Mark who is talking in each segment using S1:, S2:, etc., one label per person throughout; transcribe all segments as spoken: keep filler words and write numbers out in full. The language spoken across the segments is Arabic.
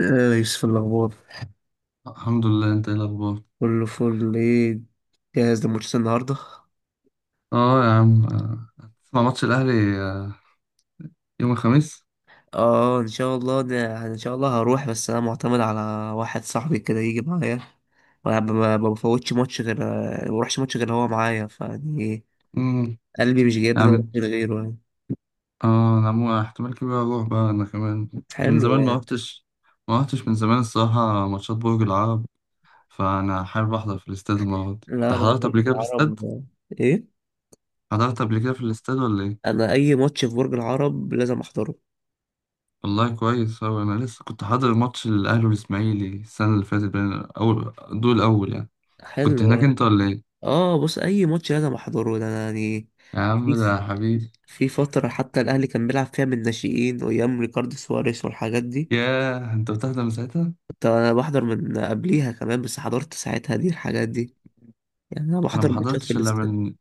S1: آه، يوسف، الأخبار؟
S2: الحمد لله، انت ايه الاخبار؟
S1: كله فل، ايه؟ جاهز لماتش النهاردة؟
S2: اه يا عم، آه، هتسمع ماتش الاهلي آه، يوم الخميس.
S1: اه، ان شاء الله، ده يعني ان شاء الله هروح، بس انا معتمد على واحد صاحبي كده يجي معايا. ما ب- ما ما بفوتش ماتش غير ما بروحش ماتش غير هو معايا، فيعني إيه،
S2: امم.
S1: قلبي مش
S2: يا
S1: جايبني اروح
S2: عم.
S1: من غيره يعني.
S2: اه، انا مو احتمال كبير اروح بقى انا كمان. من
S1: حلو
S2: زمان ما
S1: يعني.
S2: رحتش. ما رحتش من زمان الصراحه، ماتشات برج العرب. فانا حابب احضر في الاستاد المره دي. انت
S1: لا لا،
S2: حضرت
S1: برج
S2: قبل كده في
S1: العرب.
S2: الاستاد؟
S1: ايه.
S2: حضرت قبل كده في الاستاد ولا ايه؟
S1: انا اي ماتش في برج العرب لازم احضره.
S2: والله كويس أوي، أنا لسه كنت حاضر ماتش الأهلي والإسماعيلي السنة اللي فاتت. بين أول دول أول يعني.
S1: حلو.
S2: كنت هناك أنت ولا إيه؟
S1: اه، بص، اي ماتش لازم احضره ده، أنا يعني
S2: يا عم ده حبيبي.
S1: في فترة حتى الأهلي كان بيلعب فيها من الناشئين وأيام ريكاردو سواريز والحاجات دي.
S2: ياه أنت بتحضر من ساعتها؟
S1: كنت أنا بحضر من قبليها كمان، بس حضرت ساعتها دي الحاجات دي، يعني أنا
S2: انا
S1: بحضر
S2: ما
S1: ماتشات في
S2: حضرتش الا
S1: الاستاد.
S2: من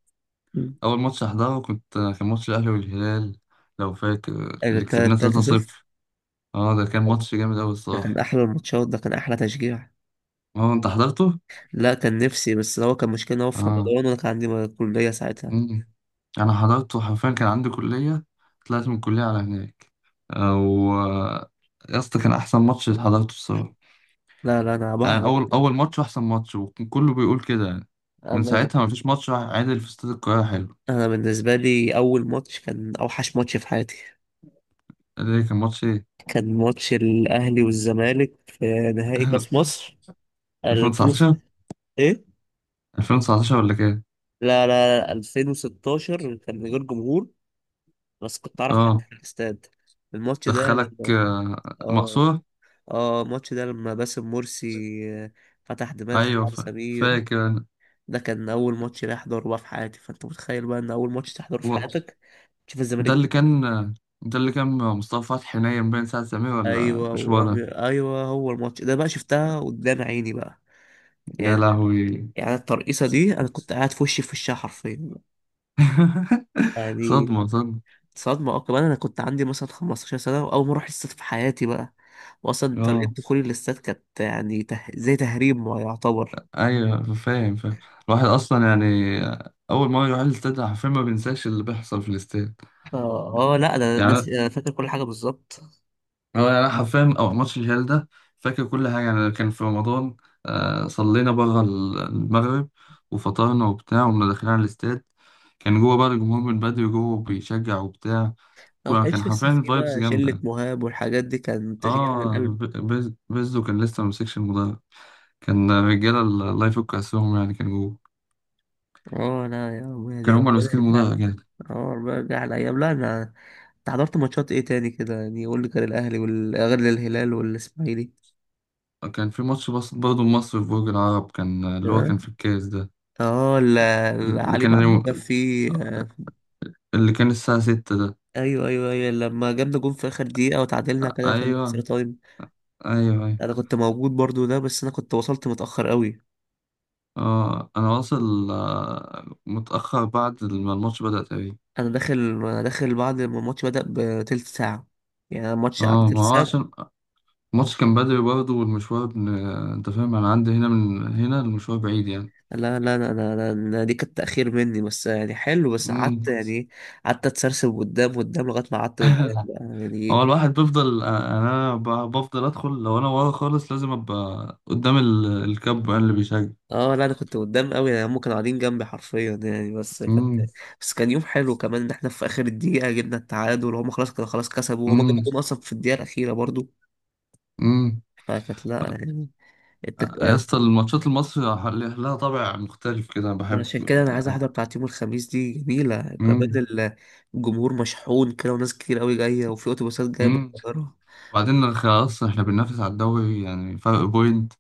S1: مم.
S2: اول ماتش احضره. كنت كان ماتش الاهلي والهلال، لو فاكر، اللي
S1: التا-
S2: كسبناه
S1: التالتة صفر.
S2: تلاتة صفر. اه ده كان ماتش جامد قوي
S1: ده كان
S2: الصراحه.
S1: أحلى الماتشات، ده كان أحلى تشجيع.
S2: اه انت حضرته؟
S1: لا، كان نفسي، بس هو كان مشكلة إن هو في
S2: اه،
S1: رمضان وأنا كان عندي كلية ساعتها.
S2: أمم. انا حضرته حرفيا، كان عندي كليه، طلعت من الكليه على هناك. او، يا اسطى كان احسن ماتش اللي حضرته الصراحه.
S1: لا لا، أنا بح...
S2: يعني اول اول ماتش واحسن ماتش، وكان كله بيقول كده يعني. من
S1: أنا
S2: ساعتها ما فيش ماتش واحد عادل في استاد القاهره. حلو.
S1: أنا بالنسبة لي أول ماتش كان أوحش ماتش في حياتي.
S2: ده كان ماتش ايه؟
S1: كان ماتش الأهلي والزمالك في نهائي كأس مصر ألفين.
S2: ألفين وتسعتاشر.
S1: إيه؟
S2: ألفين وتسعتاشر ولا كام؟
S1: لا لا لا، ألفين وستاشر كان من غير جمهور، بس كنت اعرف حد
S2: اه،
S1: في الاستاد. الماتش ده
S2: دخلك
S1: لما
S2: آه،
S1: اه
S2: مقصورة؟
S1: اه الماتش ده لما باسم مرسي آه، فتح دماغ
S2: أيوة،
S1: سعد
S2: فا-
S1: سمير.
S2: فاكر أنا.
S1: ده كان اول ماتش لي احضره بقى في حياتي، فانت متخيل بقى ان اول ماتش تحضره في
S2: و-
S1: حياتك تشوف الزمالك
S2: ده اللي
S1: بيكسب.
S2: كان ده اللي كان مصطفى فتحي نايم بين ساعة سمير، ولا
S1: ايوه،
S2: مش هو
S1: ورامي،
S2: ده؟
S1: ايوه، هو الماتش ده بقى شفتها قدام عيني بقى
S2: يا
S1: يعني.
S2: لهوي.
S1: يعني الترقيصه دي انا كنت قاعد في وشي في وشها حرفيا يعني.
S2: صدمة صدمة.
S1: صدمه، اه كمان انا كنت عندي مثلا خمسة عشر سنه، واول مره احس في حياتي بقى. واصلا طريقه
S2: اه،
S1: دخولي للاستاد كانت يعني ته... زي تهريب ما يعتبر.
S2: ايوه فاهم فاهم. الواحد اصلا يعني اول ما يروح الاستاد حرفيا ما بينساش اللي بيحصل في الاستاد
S1: اه آه، لا، ده الناس
S2: يعني.
S1: انا فاكر كل حاجه بالظبط.
S2: هو يعني انا حرفيا او ماتش الهلال ده، فاكر كل حاجه. يعني كان في رمضان، آه صلينا بره ال- المغرب وفطرنا وبتاع، وكنا داخلين على الاستاد. كان جوه بقى الجمهور من بدري، جوه بيشجع وبتاع.
S1: أنا ما
S2: كنا- كان
S1: كانش لسه
S2: حرفيا
S1: في
S2: فايبس
S1: بقى
S2: جامده
S1: شله
S2: يعني.
S1: مهاب والحاجات دي، كان تشجيع من
S2: اه،
S1: القلب.
S2: ب- بيز- بيزو كان لسه ممسكش المدرج، كان رجاله الله يفك اسرهم، يعني كان جوه.
S1: اه لا يا عم، يعني
S2: كانوا هما اللي
S1: ربنا
S2: ماسكين
S1: يرجع لي.
S2: المدرج يعني.
S1: اه، ربنا يرجع لي ايام. لا، انا، انت حضرت ماتشات ايه تاني كده، يعني قول لي، كان الاهلي وال- غير الهلال والاسماعيلي.
S2: كان في ماتش بس برضه مصر في برج العرب، كان اللي هو
S1: اه
S2: كان في الكاس ده.
S1: آه، ال-
S2: اللي
S1: العلي
S2: كان
S1: معلول ده فيه. آه،
S2: اللي كان الساعة ستة ده.
S1: ايوه ايوه ايوه لما جبنا جون في اخر دقيقه وتعادلنا كده خلينا اكسترا
S2: أيوة.
S1: تايم.
S2: ايوه ايوه.
S1: انا كنت موجود برضو ده، بس انا كنت وصلت متاخر قوي.
S2: اه، انا واصل آه، متأخر بعد ما الماتش بدأ تقريبا.
S1: انا داخل انا داخل بعد ما الماتش بدا بتلت ساعه، يعني أنا الماتش قعد
S2: اه
S1: تلت
S2: ما هو
S1: ساعه.
S2: عشان الماتش كان بدري برضه، والمشوار ابن... انت فاهم، انا عندي هنا من هنا المشوار بعيد يعني.
S1: لا لا لا لا لا لا، دي كانت تاخير مني بس يعني، حلو، بس
S2: مم.
S1: قعدت يعني إيه، قعدت اتسرسب قدام قدام لغايه ما قعدت قدام بقى، يعني إيه،
S2: هو
S1: كنت-
S2: الواحد بيفضل آه، يعني انا ب- بفضل ادخل. لو انا ورا خالص لازم ابقى قدام ال- الكاب اللي بيشجع.
S1: اه لا انا كنت قدام قوي، يعني هم كانوا قاعدين جنبي حرفيا يعني. بس كانت
S2: امم.
S1: بس كان يوم حلو كمان ان احنا في اخر الدقيقه جبنا التعادل، وهم خلاص كانوا خلاص كسبوا، وهم جابوا
S2: امم.
S1: جون اصلا في الدقيقه الاخيره برضو،
S2: امم
S1: فكانت لا يعني. التك...
S2: يا اسطى، الماتشات المصري لها طابع مختلف كده أنا بحب.
S1: عشان كده انا عايز واحده بتاعت يوم الخميس دي جميله كمان. ال- الجمهور مشحون كده وناس كتير قوي جايه، وفي اتوبيسات جايه من
S2: امم.
S1: القاهره.
S2: وبعدين خلاص احنا بننافس على الدوري، يعني فرق بوينت.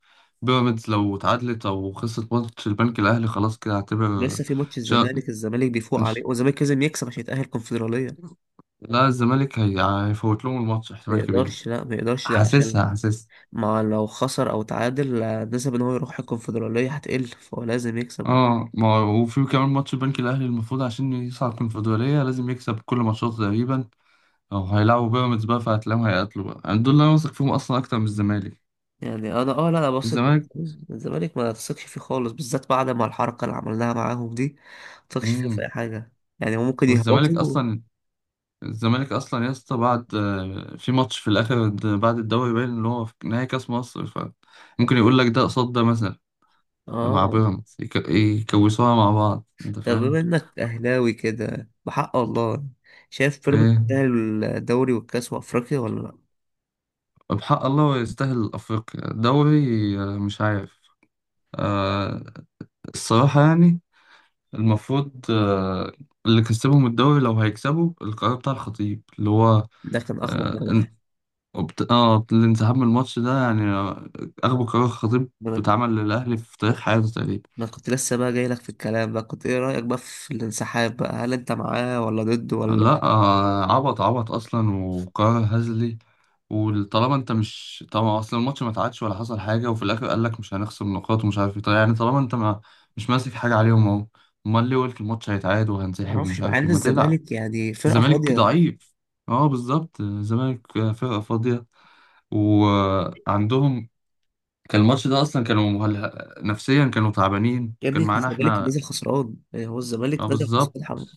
S2: بيراميدز لو اتعادلت او خسرت ماتش البنك الاهلي خلاص كده هعتبر.
S1: لسه في ماتش
S2: شا...
S1: الزمالك الزمالك بيفوق عليه،
S2: مش...
S1: والزمالك لازم يكسب عشان يتاهل الكونفدراليه.
S2: لا الزمالك هي... هيفوت لهم الماتش
S1: ما
S2: احتمال كبير.
S1: يقدرش، لا ما يقدرش ده عشان
S2: حاسسها حاسسها.
S1: ما لو خسر او تعادل، آه، نسب ان هو يروح الكونفدراليه هتقل، فهو لازم يكسب.
S2: اه ما هو- وفي كمان ماتش البنك الاهلي المفروض عشان يصعد الكونفدراليه لازم يكسب كل ماتشاته تقريبا. او هيلعبوا بيراميدز بقى، فهتلاقيهم هيقاتلوا بقى يعني. دول اللي انا واثق فيهم اصلا اكتر من الزمالك.
S1: يعني انا اه لا، انا بثق.
S2: الزمالك.
S1: الزمالك ما تثقش فيه خالص، بالذات بعد ما الحركه اللي عملناها معاهم دي، ما تثقش فيه في
S2: امم.
S1: اي حاجه يعني. هو ممكن
S2: والزمالك
S1: يهبطوا.
S2: اصلا، الزمالك اصلا يا اسطى، بعد آه، في ماتش في الاخر د- بعد الدوري باين اللي هو في نهائي كاس مصر، فممكن يقول لك ده قصاد ده، مثلا
S1: اه،
S2: مع بيراميدز، يك- يكوسوها مع بعض، انت
S1: طب
S2: فاهم.
S1: بما انك اهلاوي كده بحق الله، شايف بيراميدز
S2: ايه
S1: تستاهل الدوري والكاس وافريقيا ولا لا؟
S2: بحق الله هو يستاهل افريقيا دوري؟ آه، مش عارف. آه، الصراحة يعني. المفروض آه، اللي كسبهم الدوري لو هيكسبوا القرار بتاع الخطيب اللي هو،
S1: ده كان اخبط
S2: اه ان-
S1: قرار.
S2: وبت- آه، الانسحاب من الماتش ده يعني، آه، اغبى قرار خطيب
S1: ما انا
S2: اتعمل للاهلي في تاريخ حياته تقريبا.
S1: ما أنا كنت لسه بقى جاي لك في الكلام بقى، كنت ايه رايك بقى في الانسحاب بقى، هل انت معاه ولا ضده ولا؟
S2: لا آه، عبط عبط اصلا، وقرار هزلي. وطالما انت مش طبعا اصلا الماتش ما اتعادش ولا حصل حاجه، وفي الاخر قال لك مش هنخصم نقاط ومش عارف ايه. طيب يعني طالما انت ما مش ماسك حاجه عليهم اهو، امال ليه قلت الماتش هيتعاد
S1: ما
S2: وهنسحب
S1: اعرفش،
S2: ومش
S1: مع
S2: عارف
S1: ان
S2: ايه؟ ما تلعب.
S1: الزمالك يعني فرقه
S2: الزمالك
S1: فاضيه.
S2: ضعيف. اه بالظبط، الزمالك فرقه فاضيه، وعندهم كان الماتش ده اصلا، كانوا مهل... نفسيا كانوا تعبانين،
S1: يا
S2: كان
S1: ابني
S2: معانا
S1: الزمالك
S2: احنا.
S1: نزل خسران، يعني هو
S2: اه
S1: الزمالك نزل
S2: بالظبط.
S1: خسران حمد.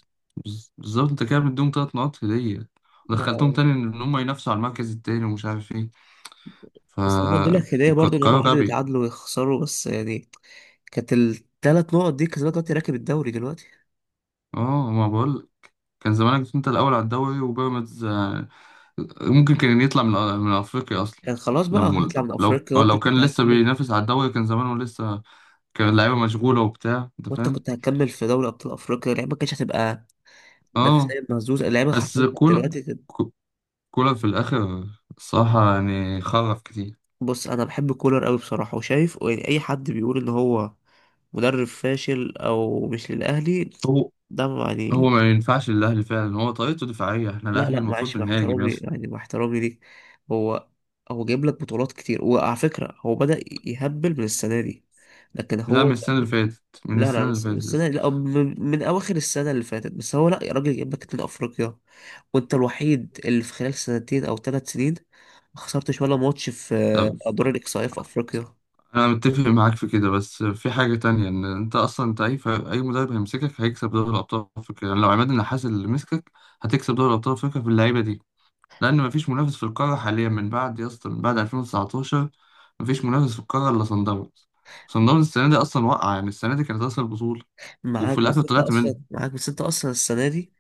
S2: بز- بالظبط انت كده مديهم تلات نقط هدية، ودخلتهم تاني ان هم ينافسوا على المركز التاني ومش عارف ايه. ف
S1: بس انا اديلك لك هديه
S2: ك-
S1: برضو ان هم
S2: قرار
S1: قعدوا
S2: غبي.
S1: يتعادلوا ويخسروا بس يعني. كانت الثلاث نقط دي كسبت، دلوقتي راكب الدوري دلوقتي.
S2: اه ما بقول، كان زمانك انت الاول على الدوري، وبيراميدز آه، ممكن كان يطلع من من افريقيا اصلا.
S1: يعني خلاص بقى هنطلع
S2: لو
S1: من
S2: لو
S1: افريقيا،
S2: آه،
S1: وانت
S2: لو
S1: كنت
S2: كان لسه
S1: هتكمل
S2: بينافس على الدوري كان زمانه لسه كان اللعيبه مشغوله وبتاع، انت
S1: وانت
S2: فاهم.
S1: كنت هتكمل في دوري ابطال افريقيا، اللعيبه ما كانتش هتبقى
S2: اه
S1: نفسيا مهزوزه، اللعيبه
S2: بس
S1: حرفيا كانت
S2: كولر،
S1: دلوقتي كده.
S2: كو- كولر في الاخر الصراحه يعني خرف كتير.
S1: بص انا بحب كولر قوي بصراحه، وشايف يعني اي حد بيقول ان هو مدرب فاشل او مش للاهلي
S2: هو
S1: ده
S2: هو
S1: يعني.
S2: ما ينفعش للأهلي فعلا، هو طريقته دفاعية، احنا
S1: لا
S2: الأهلي
S1: لا،
S2: المفروض
S1: معلش، مع
S2: بنهاجم يا
S1: احترامي
S2: اسطى.
S1: يعني، مع احترامي ليك، هو هو جايب لك بطولات كتير، وعلى فكره هو بدأ يهبل من السنه دي، لكن
S2: لا من
S1: هو
S2: السنة اللي فاتت، من
S1: لا لا
S2: السنة اللي
S1: بس
S2: فاتت يا
S1: السنة
S2: اسطى.
S1: لا من من أواخر السنة اللي فاتت، بس هو لا يا راجل، جايب لك اتنين أفريقيا، وأنت الوحيد اللي في خلال سنتين أو ثلاث سنين ما خسرتش ولا ماتش في آه،
S2: طب
S1: أدوار الإقصائية في أفريقيا.
S2: أنا متفق معاك في كده، بس في حاجة تانية، إن أنت أصلا أنت أي ف- أي مدرب هيمسكك هيكسب دوري الأبطال أفريقيا. يعني لو عماد النحاس اللي مسكك هتكسب دوري الأبطال أفريقيا باللعيبة دي. لأن مفيش منافس في القارة حاليا من بعد يا اسطى، من بعد ألفين وتسعتاشر مفيش منافس في القارة إلا صن داونز. صن داونز السنة دي أصلا وقع، يعني السنة دي كانت أصل البطولة، وفي
S1: معاك
S2: الآخر
S1: بس أنت
S2: طلعت
S1: أصلا معاك بس أنت أصلا السنة دي،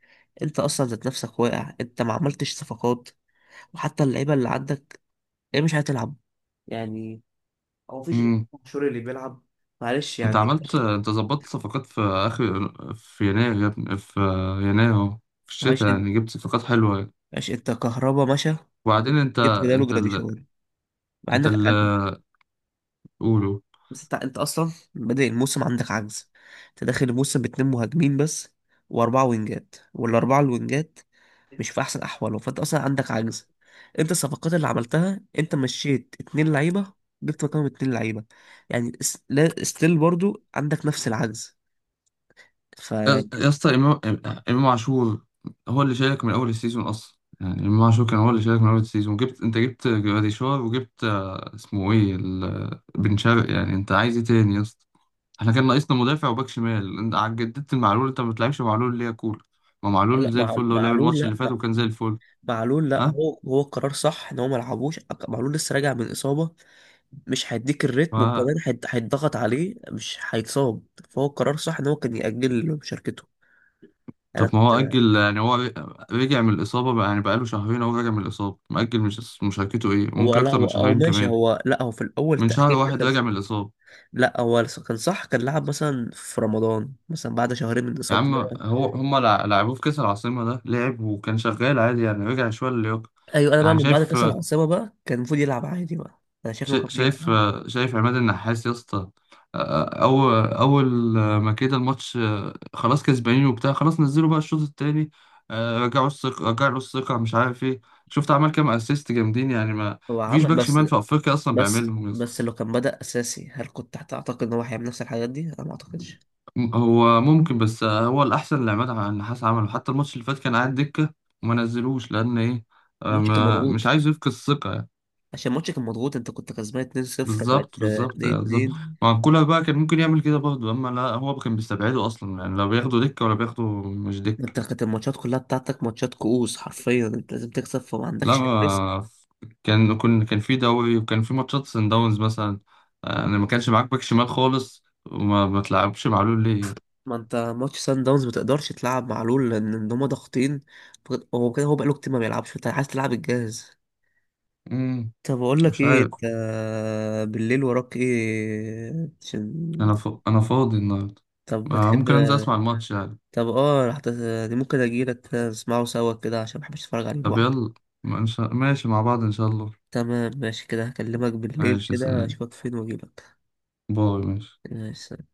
S1: أنت أصلا ذات نفسك واقع، أنت ما عملتش صفقات، وحتى اللعيبة اللي عندك هي مش هتلعب يعني، هو مفيش غير
S2: منه.
S1: شوري اللي بيلعب. معلش
S2: انت
S1: يعني،
S2: عملت، انت ظبطت صفقات في اخر في يناير يا ابني، في يناير اهو، في
S1: معلش
S2: الشتاء
S1: أنت
S2: يعني، جبت صفقات حلوه يعني.
S1: معلش أنت كهربا مشى،
S2: وبعدين انت
S1: جبت بداله
S2: انت ال...
S1: جراديشار، مع
S2: انت
S1: إنك
S2: اللي قوله.
S1: بس انت انت اصلا بادئ الموسم عندك عجز، انت داخل الموسم باتنين مهاجمين بس، واربعه وينجات، والاربعه الوينجات مش في احسن احوالهم، فانت اصلا عندك عجز. انت الصفقات اللي عملتها انت مشيت اتنين لعيبه، جبت مكانهم اتنين لعيبه. يعني اس- لا ستيل برضو عندك نفس العجز، ف
S2: يا يا اسطى، امام امام عاشور هو اللي شارك من اول السيزون اصلا. يعني امام عاشور كان هو اللي شارك من اول السيزون. جبت انت جبت جراديشار، وجبت آه، اسمه ايه ال... بن شرقي. يعني انت عايز ايه تاني يا اسطى؟ احنا كان ناقصنا مدافع وباك شمال، انت ع- جددت المعلول. انت ما بتلعبش معلول ليه يا كول؟ ما
S1: لا
S2: معلول زي
S1: مع
S2: الفل، هو لعب
S1: معلول،
S2: الماتش
S1: لا
S2: اللي فات
S1: مع...
S2: وكان زي الفل.
S1: معلول، لا
S2: ها.
S1: هو هو قرار صح ان هو ما لعبوش. معلول لسه راجع من اصابه، مش هيديك
S2: ف...
S1: الريتم، وكمان هيت- هيتضغط عليه مش هيتصاب، فهو القرار صح ان هو كان يأجل مشاركته. انا
S2: طب ما
S1: كنت.
S2: هو أجل يعني، هو رجع من الإصابة بقى، يعني بقاله شهرين هو راجع من الإصابة، مأجل مش مشاركته إيه،
S1: هو
S2: وممكن
S1: لا
S2: أكتر
S1: هو
S2: من
S1: اه
S2: شهرين
S1: ماشي،
S2: كمان.
S1: هو لا هو في الاول
S2: من شهر
S1: تأخير ده
S2: واحد
S1: كان.
S2: راجع من الإصابة.
S1: لا هو كان صح، كان لعب مثلا في رمضان مثلا بعد شهرين من
S2: يا
S1: اصابته
S2: عم
S1: ده.
S2: هو هما لع- لعبوه في كأس العاصمة ده، لعب وكان شغال عادي يعني، رجع شوية للياقة.
S1: ايوه، انا بقى
S2: يعني
S1: من بعد
S2: شايف،
S1: كاس العاصمه بقى كان المفروض يلعب عادي بقى، انا شايف انه كان
S2: شا-
S1: المفروض يلعب
S2: شايف
S1: عادي.
S2: شايف عماد النحاس يا اسطى. آه، أو أول ما كده الماتش آه، خلاص كسبانين وبتاع، خلاص نزلوا بقى الشوط التاني آه، رجعوا الثقة رجعوا الثقة مش عارف إيه. شفت عمل كام أسيست جامدين يعني؟ ما
S1: هو
S2: مفيش
S1: عمل
S2: باك
S1: بس
S2: شمال في أفريقيا أصلا
S1: بس
S2: بيعملهم يا
S1: بس
S2: اسطى.
S1: لو كان بدأ اساسي، هل كنت هتعتقد ان هو هيعمل نفس الحاجات دي؟ انا ما اعتقدش.
S2: م- هو ممكن، بس آه، هو الأحسن اللي عماد النحاس عمله. حتى الماتش اللي فات كان قاعد دكة وما نزلوش لأن إيه؟ آه،
S1: ماتش كان
S2: ما مش
S1: مضغوط،
S2: عايز يفقد الثقة يعني.
S1: عشان ماتشك كان مضغوط، انت كنت كسبان اتنين صفر
S2: بالظبط
S1: بقت آه،
S2: بالظبط بالظبط،
S1: اتنين اتنين.
S2: ما كولر بقى كان ممكن يعمل كده برضه، اما لا هو كان بيستبعده اصلا يعني، لا بياخده دكه ولا بياخده مش دكه.
S1: انت كانت الماتشات كلها بتاعتك ماتشات كؤوس حرفيا، انت لازم تكسب فما
S2: لا
S1: عندكش الريسك.
S2: ما كان كان كان في دوري وكان في ماتشات سان داونز مثلا. آه، انا ما كانش معاك باك شمال خالص، وما ما تلعبش معلول ليه يعني.
S1: ما انت ماتش سان داونز ما تقدرش تلعب معلول لان ان هما ضاغطين، فك- هو كده هو بقاله كتير ما بيلعبش، فانت عايز تلعب الجاهز.
S2: امم
S1: طب اقول لك
S2: مش
S1: ايه،
S2: عارف.
S1: انت بالليل وراك ايه عشان؟
S2: انا ف... انا فاضي النهارده.
S1: طب
S2: آه،
S1: بتحب؟
S2: ممكن انزل اسمع الماتش يعني.
S1: طب اه هت- ممكن اجيلك نسمعه سوا كده، عشان ما بحبش اتفرج عليه
S2: طب
S1: لوحدي.
S2: يلا، ما إن شاء- ماشي مع بعض ان شاء الله.
S1: تمام، ماشي كده، هكلمك بالليل
S2: ماشي
S1: كده،
S2: سلام.
S1: اشوفك فين واجيلك.
S2: باي ماشي.
S1: ماشي